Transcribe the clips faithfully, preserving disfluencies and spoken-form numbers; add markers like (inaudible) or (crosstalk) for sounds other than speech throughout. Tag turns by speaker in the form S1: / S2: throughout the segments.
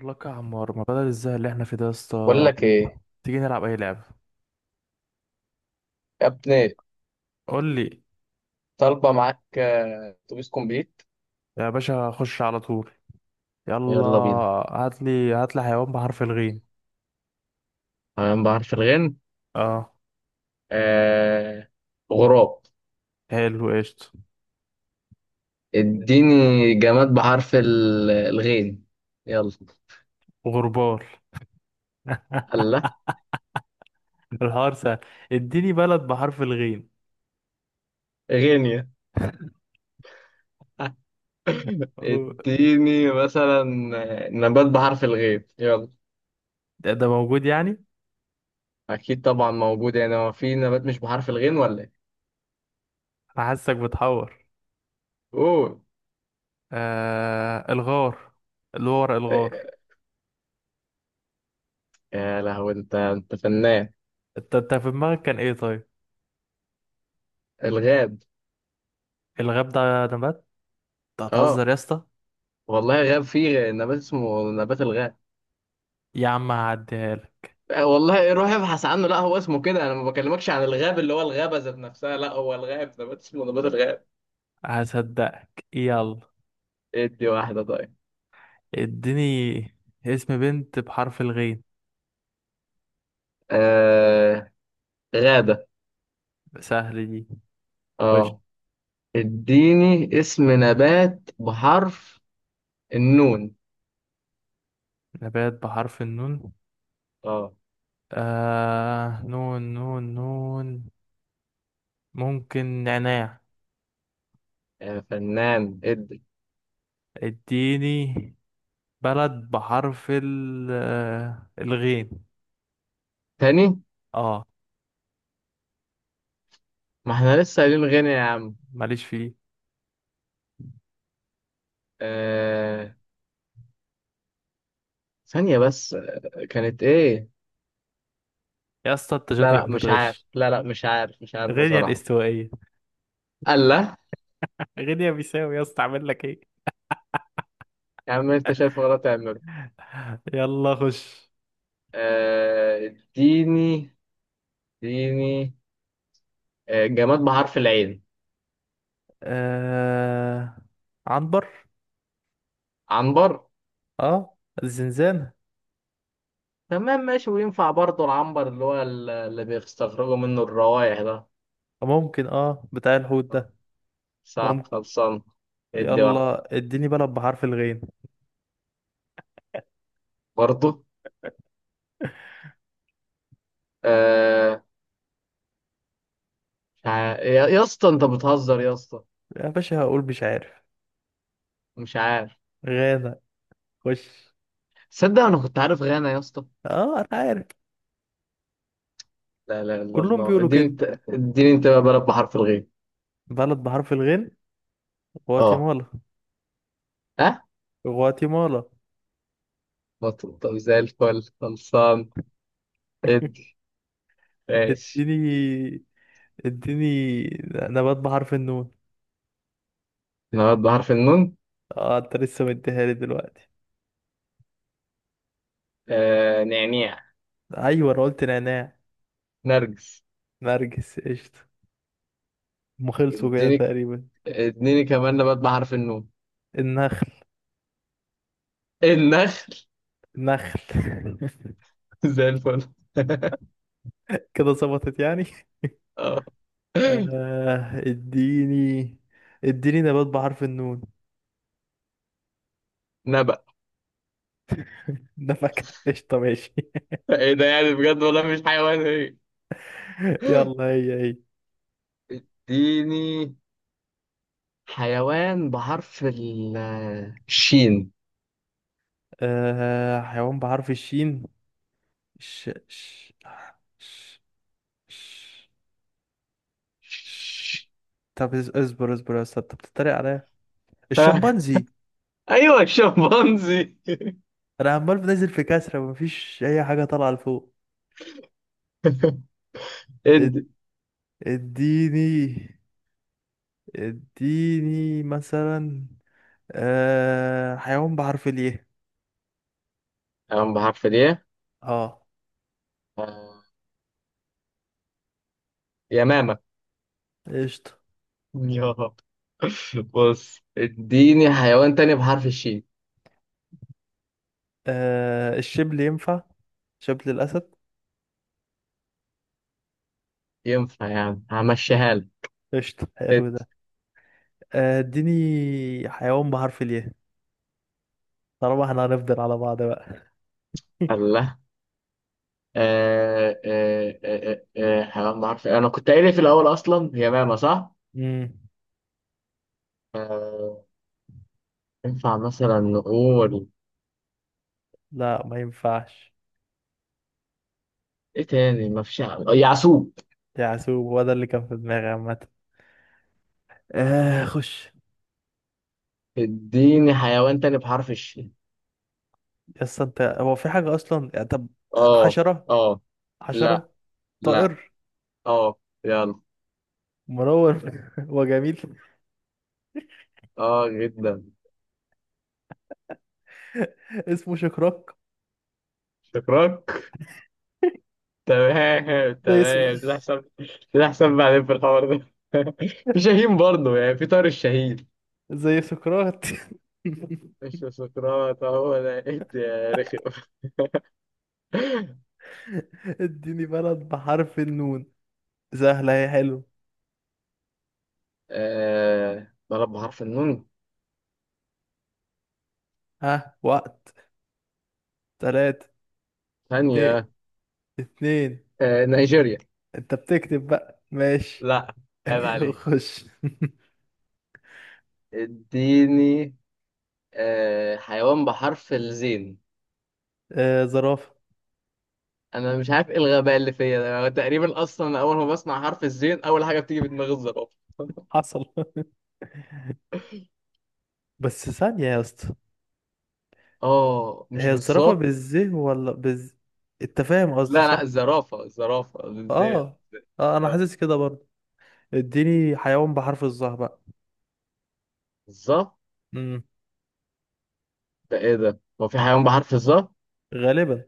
S1: لك يا عمار، ما بدل الزهق اللي احنا فيه ده يا
S2: بقول
S1: اسطى؟
S2: لك ايه
S1: تيجي نلعب اي لعبه؟
S2: يا ابني؟
S1: قول لي.
S2: طالبه معاك. آه، اتوبيس كومبليت.
S1: يا باشا خش على طول. يلا.
S2: يلا بينا.
S1: هات لي هات لي حيوان بحرف الغين.
S2: تمام بحرف الغين.
S1: اه،
S2: آه غراب.
S1: حلو، قشطه.
S2: اديني جماد بحرف ال- الغين، يلا.
S1: غربال. (laughs)
S2: الله.
S1: الحوار سهل. اديني بلد بحرف الغين.
S2: غينيا.
S1: (laughs) أو-
S2: اديني مثلا آه، نبات بحرف الغين يلا.
S1: ده, ده موجود يعني.
S2: اكيد طبعا موجود، يعني هو في نبات مش بحرف الغين ولا ايه؟
S1: انا حاسك بتحور.
S2: قول.
S1: آه، الغار، اللي هو ورق الغار.
S2: آه، يا لهوي انت انت فنان.
S1: انت انت في دماغك كان ايه طيب؟
S2: الغاب.
S1: الغاب ده نبات؟ انت
S2: اه
S1: هتهزر يا اسطى.
S2: والله غاب فيه نبات اسمه نبات الغاب.
S1: يا عم هعديها لك.
S2: والله روح ابحث عنه، لا هو اسمه كده. انا ما بكلمكش عن الغاب اللي هو الغابه ذات نفسها، لا هو الغاب نبات اسمه نبات الغاب.
S1: هصدقك، يلا.
S2: ادي واحده طيب.
S1: اديني اسم بنت بحرف الغين.
S2: آه غابه.
S1: سهل دي. خش.
S2: اه. اديني اسم نبات بحرف النون.
S1: نبات بحرف النون.
S2: اه
S1: آه، نون، نون، نون، ممكن نعناع.
S2: يا فنان، ادي.
S1: اديني بلد بحرف ال آه، الغين.
S2: تاني؟
S1: اه.
S2: ما احنا لسه قايلين غنى يا عم.
S1: ماليش فيه.
S2: آه. ثانيه بس، آه، كانت ايه؟
S1: يا اسطى انت
S2: لا
S1: شكلك
S2: لا مش عارف،
S1: بتغش.
S2: لا لا مش عارف، مش عارف
S1: غينيا
S2: بصراحه.
S1: الاستوائية،
S2: الله.
S1: غينيا بيساوي. يا اسطى اعمل لك ايه؟
S2: يا عم انت شايف غلط تعمله.
S1: يلا خش.
S2: آه اديني اديني آه، جماد بحرف العين.
S1: آه... عنبر.
S2: عنبر.
S1: اه، الزنزانة.
S2: تمام ماشي. وينفع برضه العنبر اللي هو ال- اللي بيستخرجوا منه الروائح ده؟
S1: ممكن اه بتاع الحوت ده.
S2: صح،
S1: ممكن.
S2: خلصان. ادي واحد.
S1: يلا اديني بلد بحرف الغين.
S2: برضه. آه مش عارف، يا يا اسطى، انت بتهزر يا اسطى.
S1: يا باشا هقول مش عارف.
S2: مش عارف.
S1: غانا. خش.
S2: تصدق انا كنت عارف غانا يا اسطى.
S1: اه انا عارف.
S2: لا لا لا،
S1: كلهم
S2: الله.
S1: بيقولوا
S2: اديني
S1: كده.
S2: انت. اديني انت بقى بلد بحرف الغين.
S1: بلد بحرف الغين.
S2: اه.
S1: غواتيمالا.
S2: ها.
S1: غواتيمالا.
S2: مطلوب. طب زي الفل، خلصان.
S1: (laughs)
S2: ادي. ماشي.
S1: اديني اديني نبات بحرف النون.
S2: نبات بحرف النون.
S1: اه انت لسه مديها لي دلوقتي.
S2: آه نعناع.
S1: ايوه، انا قلت نعناع.
S2: نرجس.
S1: نرجس، قشطة. هم خلصوا كده
S2: اديني
S1: تقريبا.
S2: اديني كمان نبات بحرف النون.
S1: النخل.
S2: النخل.
S1: نخل. (laughs)
S2: (laughs) زي الفل.
S1: كده ظبطت يعني.
S2: (laughs) اه،
S1: آه، اديني اديني نبات بحرف النون.
S2: نبأ.
S1: (laughs) ده فاكهة، قشطة ماشي.
S2: ايه ده يعني، بجد؟ والله مش حيوان، ايه؟
S1: (laughs) يلا، هي هي.
S2: اديني حيوان بحرف ال- الشين.
S1: آه، حيوان بحرف الشين. ش ش ش ش ش
S2: ش-
S1: طب اس- اصبر اصبر يا استاذ، انت بتتريق عليا.
S2: ها
S1: الشمبانزي.
S2: ايوه الشمبانزي.
S1: انا عمال بنزل في كسرة، مفيش اي حاجة طالعة لفوق.
S2: (laughs)
S1: اد-
S2: ادي
S1: اديني اديني مثلا آه حيوان بحرف الياء.
S2: حيوان بحرف الايه؟
S1: اه،
S2: (laughs) آه، يمامة.
S1: قشطة.
S2: يا. بص اديني حيوان تاني بحرف الشين.
S1: آه الشبل ينفع، شبل الأسد.
S2: ينفع يعني همشيها
S1: قشطة، حلو ده.
S2: لك.
S1: آه، اديني حيوان بحرف الياء، طالما احنا هنفضل على بعض بقى. (laughs)
S2: الله. آه آه آه آه آه، حيوان بحرف، انا كنت قايل إيه في الاول اصلا، هي ماما صح؟
S1: امم
S2: آه ينفع مثلا نقول.
S1: لا ما ينفعش.
S2: ايه تاني؟ ما فيش. ع- يعسوب.
S1: يعسوب هو ده اللي كان في دماغي عامة. آه خش.
S2: اديني حيوان تاني بحرف الشين.
S1: يس انت، هو في حاجة أصلا يعني؟ طب
S2: اه
S1: حشرة.
S2: اه. لا
S1: حشرة.
S2: لا.
S1: طائر.
S2: اه يلا.
S1: منور (laughs) وجميل.
S2: اه جدا.
S1: (laughs) اسمه شكراك،
S2: شكراك. تمام
S1: زي اسمه،
S2: تمام، تحسب. تحسب بعدين في الحوار ده. (laughs) في شاهين برضه، يعني في طار الشهيد.
S1: زي سقراط.
S2: مش سقراط، هو ده. إيه ده يا رخم. (laughs)
S1: (laughs) اديني بلد بحرف النون. سهلة هي، حلو.
S2: آه بلد بحرف النون.
S1: ها، وقت. تلاتة، اتنين،
S2: ثانية.
S1: اتنين.
S2: آه نيجيريا.
S1: انت بتكتب بقى ماشي.
S2: لا. عيب
S1: (laughs)
S2: عليك.
S1: خش.
S2: اديني. آه حيوان بحرف الزين.
S1: آه، زرافة.
S2: انا مش عارف ايه الغباء اللي فيا ده. أنا تقريبا اصلا اول ما بسمع حرف الزين، اول حاجة بتيجي في دماغي الزرافة. (laughs)
S1: حصل. (laughs) بس ثانية يا اسطى،
S2: اه، مش
S1: هي الزرافة
S2: بالظبط.
S1: بالزه ولا بالز؟ انت فاهم قصدي
S2: لا
S1: صح؟
S2: لا، الزرافة، الزرافة الزين.
S1: اه. اه انا
S2: اه،
S1: حاسس كده برضه. اديني حيوان بحرف الظهر بقى.
S2: الظبط.
S1: امم
S2: ده ايه ده؟ هو في حيوان بحرف الظا؟
S1: غالبا.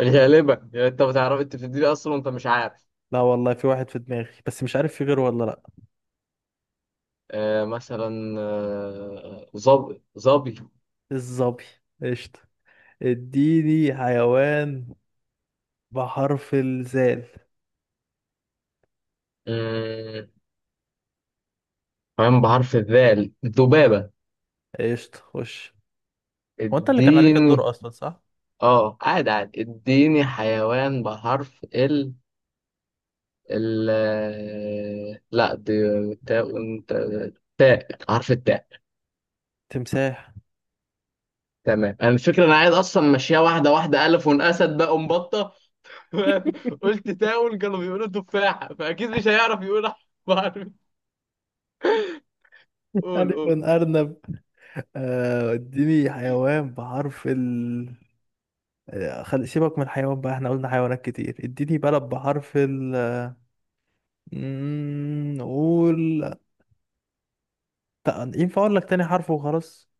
S2: غالبا. يعني انت بتعرف، انت بتديني اصلا وانت مش عارف.
S1: لا والله في واحد في دماغي، بس مش عارف في غيره ولا لا.
S2: آه مثلا آه، ظبي ظبي.
S1: الظبي، قشطة. اديني حيوان بحرف الزال.
S2: مم، كمان بحرف الذال، ذبابة.
S1: ايش تخش؟ هو انت اللي كان عليك
S2: اديني.
S1: الدور اصلا، صح؟
S2: اه عادي عادي، اديني حيوان بحرف ال ال آه، لا، دي تاء، انت تاء، حرف التاء.
S1: تمساح.
S2: تمام. انا الفكرة، انا عايز اصلا ماشية واحدة واحدة، الف اسد بقى ومبطة.
S1: (laughs)
S2: (laughs) قلت تاون، كانوا بيقولوا تفاحة، فاكيد مش هيعرف يقول. بحرف. قول
S1: ألف
S2: قول.
S1: أرنب. آه، اديني حيوان بحرف ال آه، خل... سيبك من الحيوان بقى، احنا قلنا حيوانات كتير. اديني بلد بحرف ال مم، نقول. تق- ينفع اقول لك تاني حرف وخلاص؟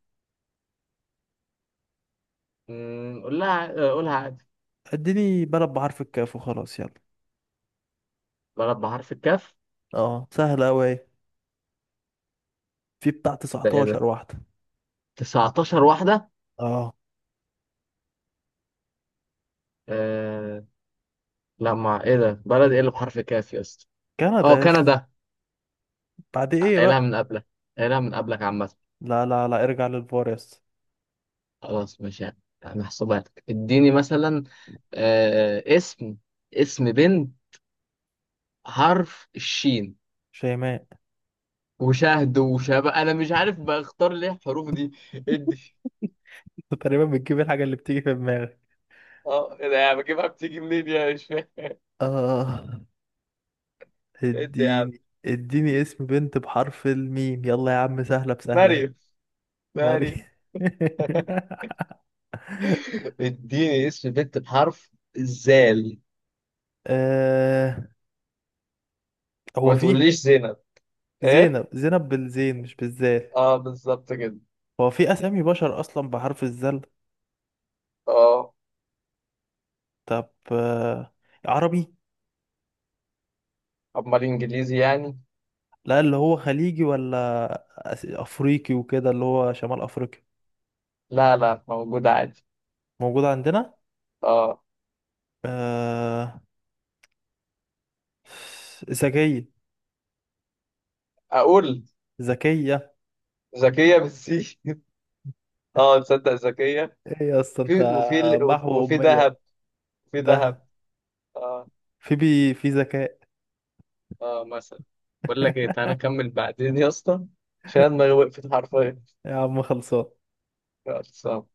S2: مم، قول لها قولها عادي.
S1: اديني بلد بحرف الكاف وخلاص، يلا.
S2: بلد بحرف الكاف.
S1: اه سهلة اوي أهي. في بتاع
S2: ده ايه ده،
S1: تسعة عشر واحدة.
S2: تسعة عشر واحدة؟
S1: اه،
S2: آه، لا. ما ايه ده، بلد ايه اللي بحرف كاف يا اسطى؟
S1: كندا
S2: اه،
S1: يس.
S2: كندا.
S1: بعد ايه
S2: قايلها
S1: بقى؟
S2: من قبلك. قايلها من قبلك عامة.
S1: لا لا لا، ارجع للفار، يس.
S2: خلاص ماشي يعني. محسوبة لك. اديني مثلا آه اسم، اسم بنت حرف الشين.
S1: شيماء. (laughs)
S2: وشهد وشبه، انا مش عارف بختار ليه الحروف دي. ادي.
S1: أنت تقريبا بتجيب الحاجة اللي بتيجي في دماغك.
S2: اه ايه ده يا عم، بجيبها بتيجي منين يا، مش فاهم.
S1: آه،
S2: ادي يا عم.
S1: اديني اديني اسم بنت بحرف الميم يلا يا عم، سهلة بسهلة اهي.
S2: مريم.
S1: ماري.
S2: مريم.
S1: (laughs)
S2: (laughs) اديني اسم بنت بحرف الزال.
S1: آه، هو
S2: ما
S1: في
S2: تقوليش زينب. ايه.
S1: زينب؟ زينب بالزين مش بالذال.
S2: اه بالظبط كده.
S1: هو في أسامي بشر أصلا بحرف الذال؟
S2: اه.
S1: طب آه، عربي؟
S2: امال انجليزي يعني؟
S1: لا اللي هو خليجي، ولا أس- أفريقي وكده، اللي هو شمال أفريقيا.
S2: لا لا موجود عادي.
S1: موجود عندنا.
S2: اه.
S1: آه، ذكية.
S2: اقول.
S1: ذكية.
S2: ذكيه بالسي. (laughs) اه تصدق ذكيه.
S1: ايه يا اسطى انت؟
S2: في، وفي ال-
S1: محو
S2: وفي
S1: أمية
S2: ذهب. في ذهب.
S1: ده؟
S2: اه.
S1: في بي، في ذكاء.
S2: اه مثلا. بقول لك ايه، تعالى
S1: (laughs)
S2: نكمل بعدين يا اسطى، عشان دماغي وقفت حرفيا.
S1: يا عم خلصان.
S2: يلا، سلام.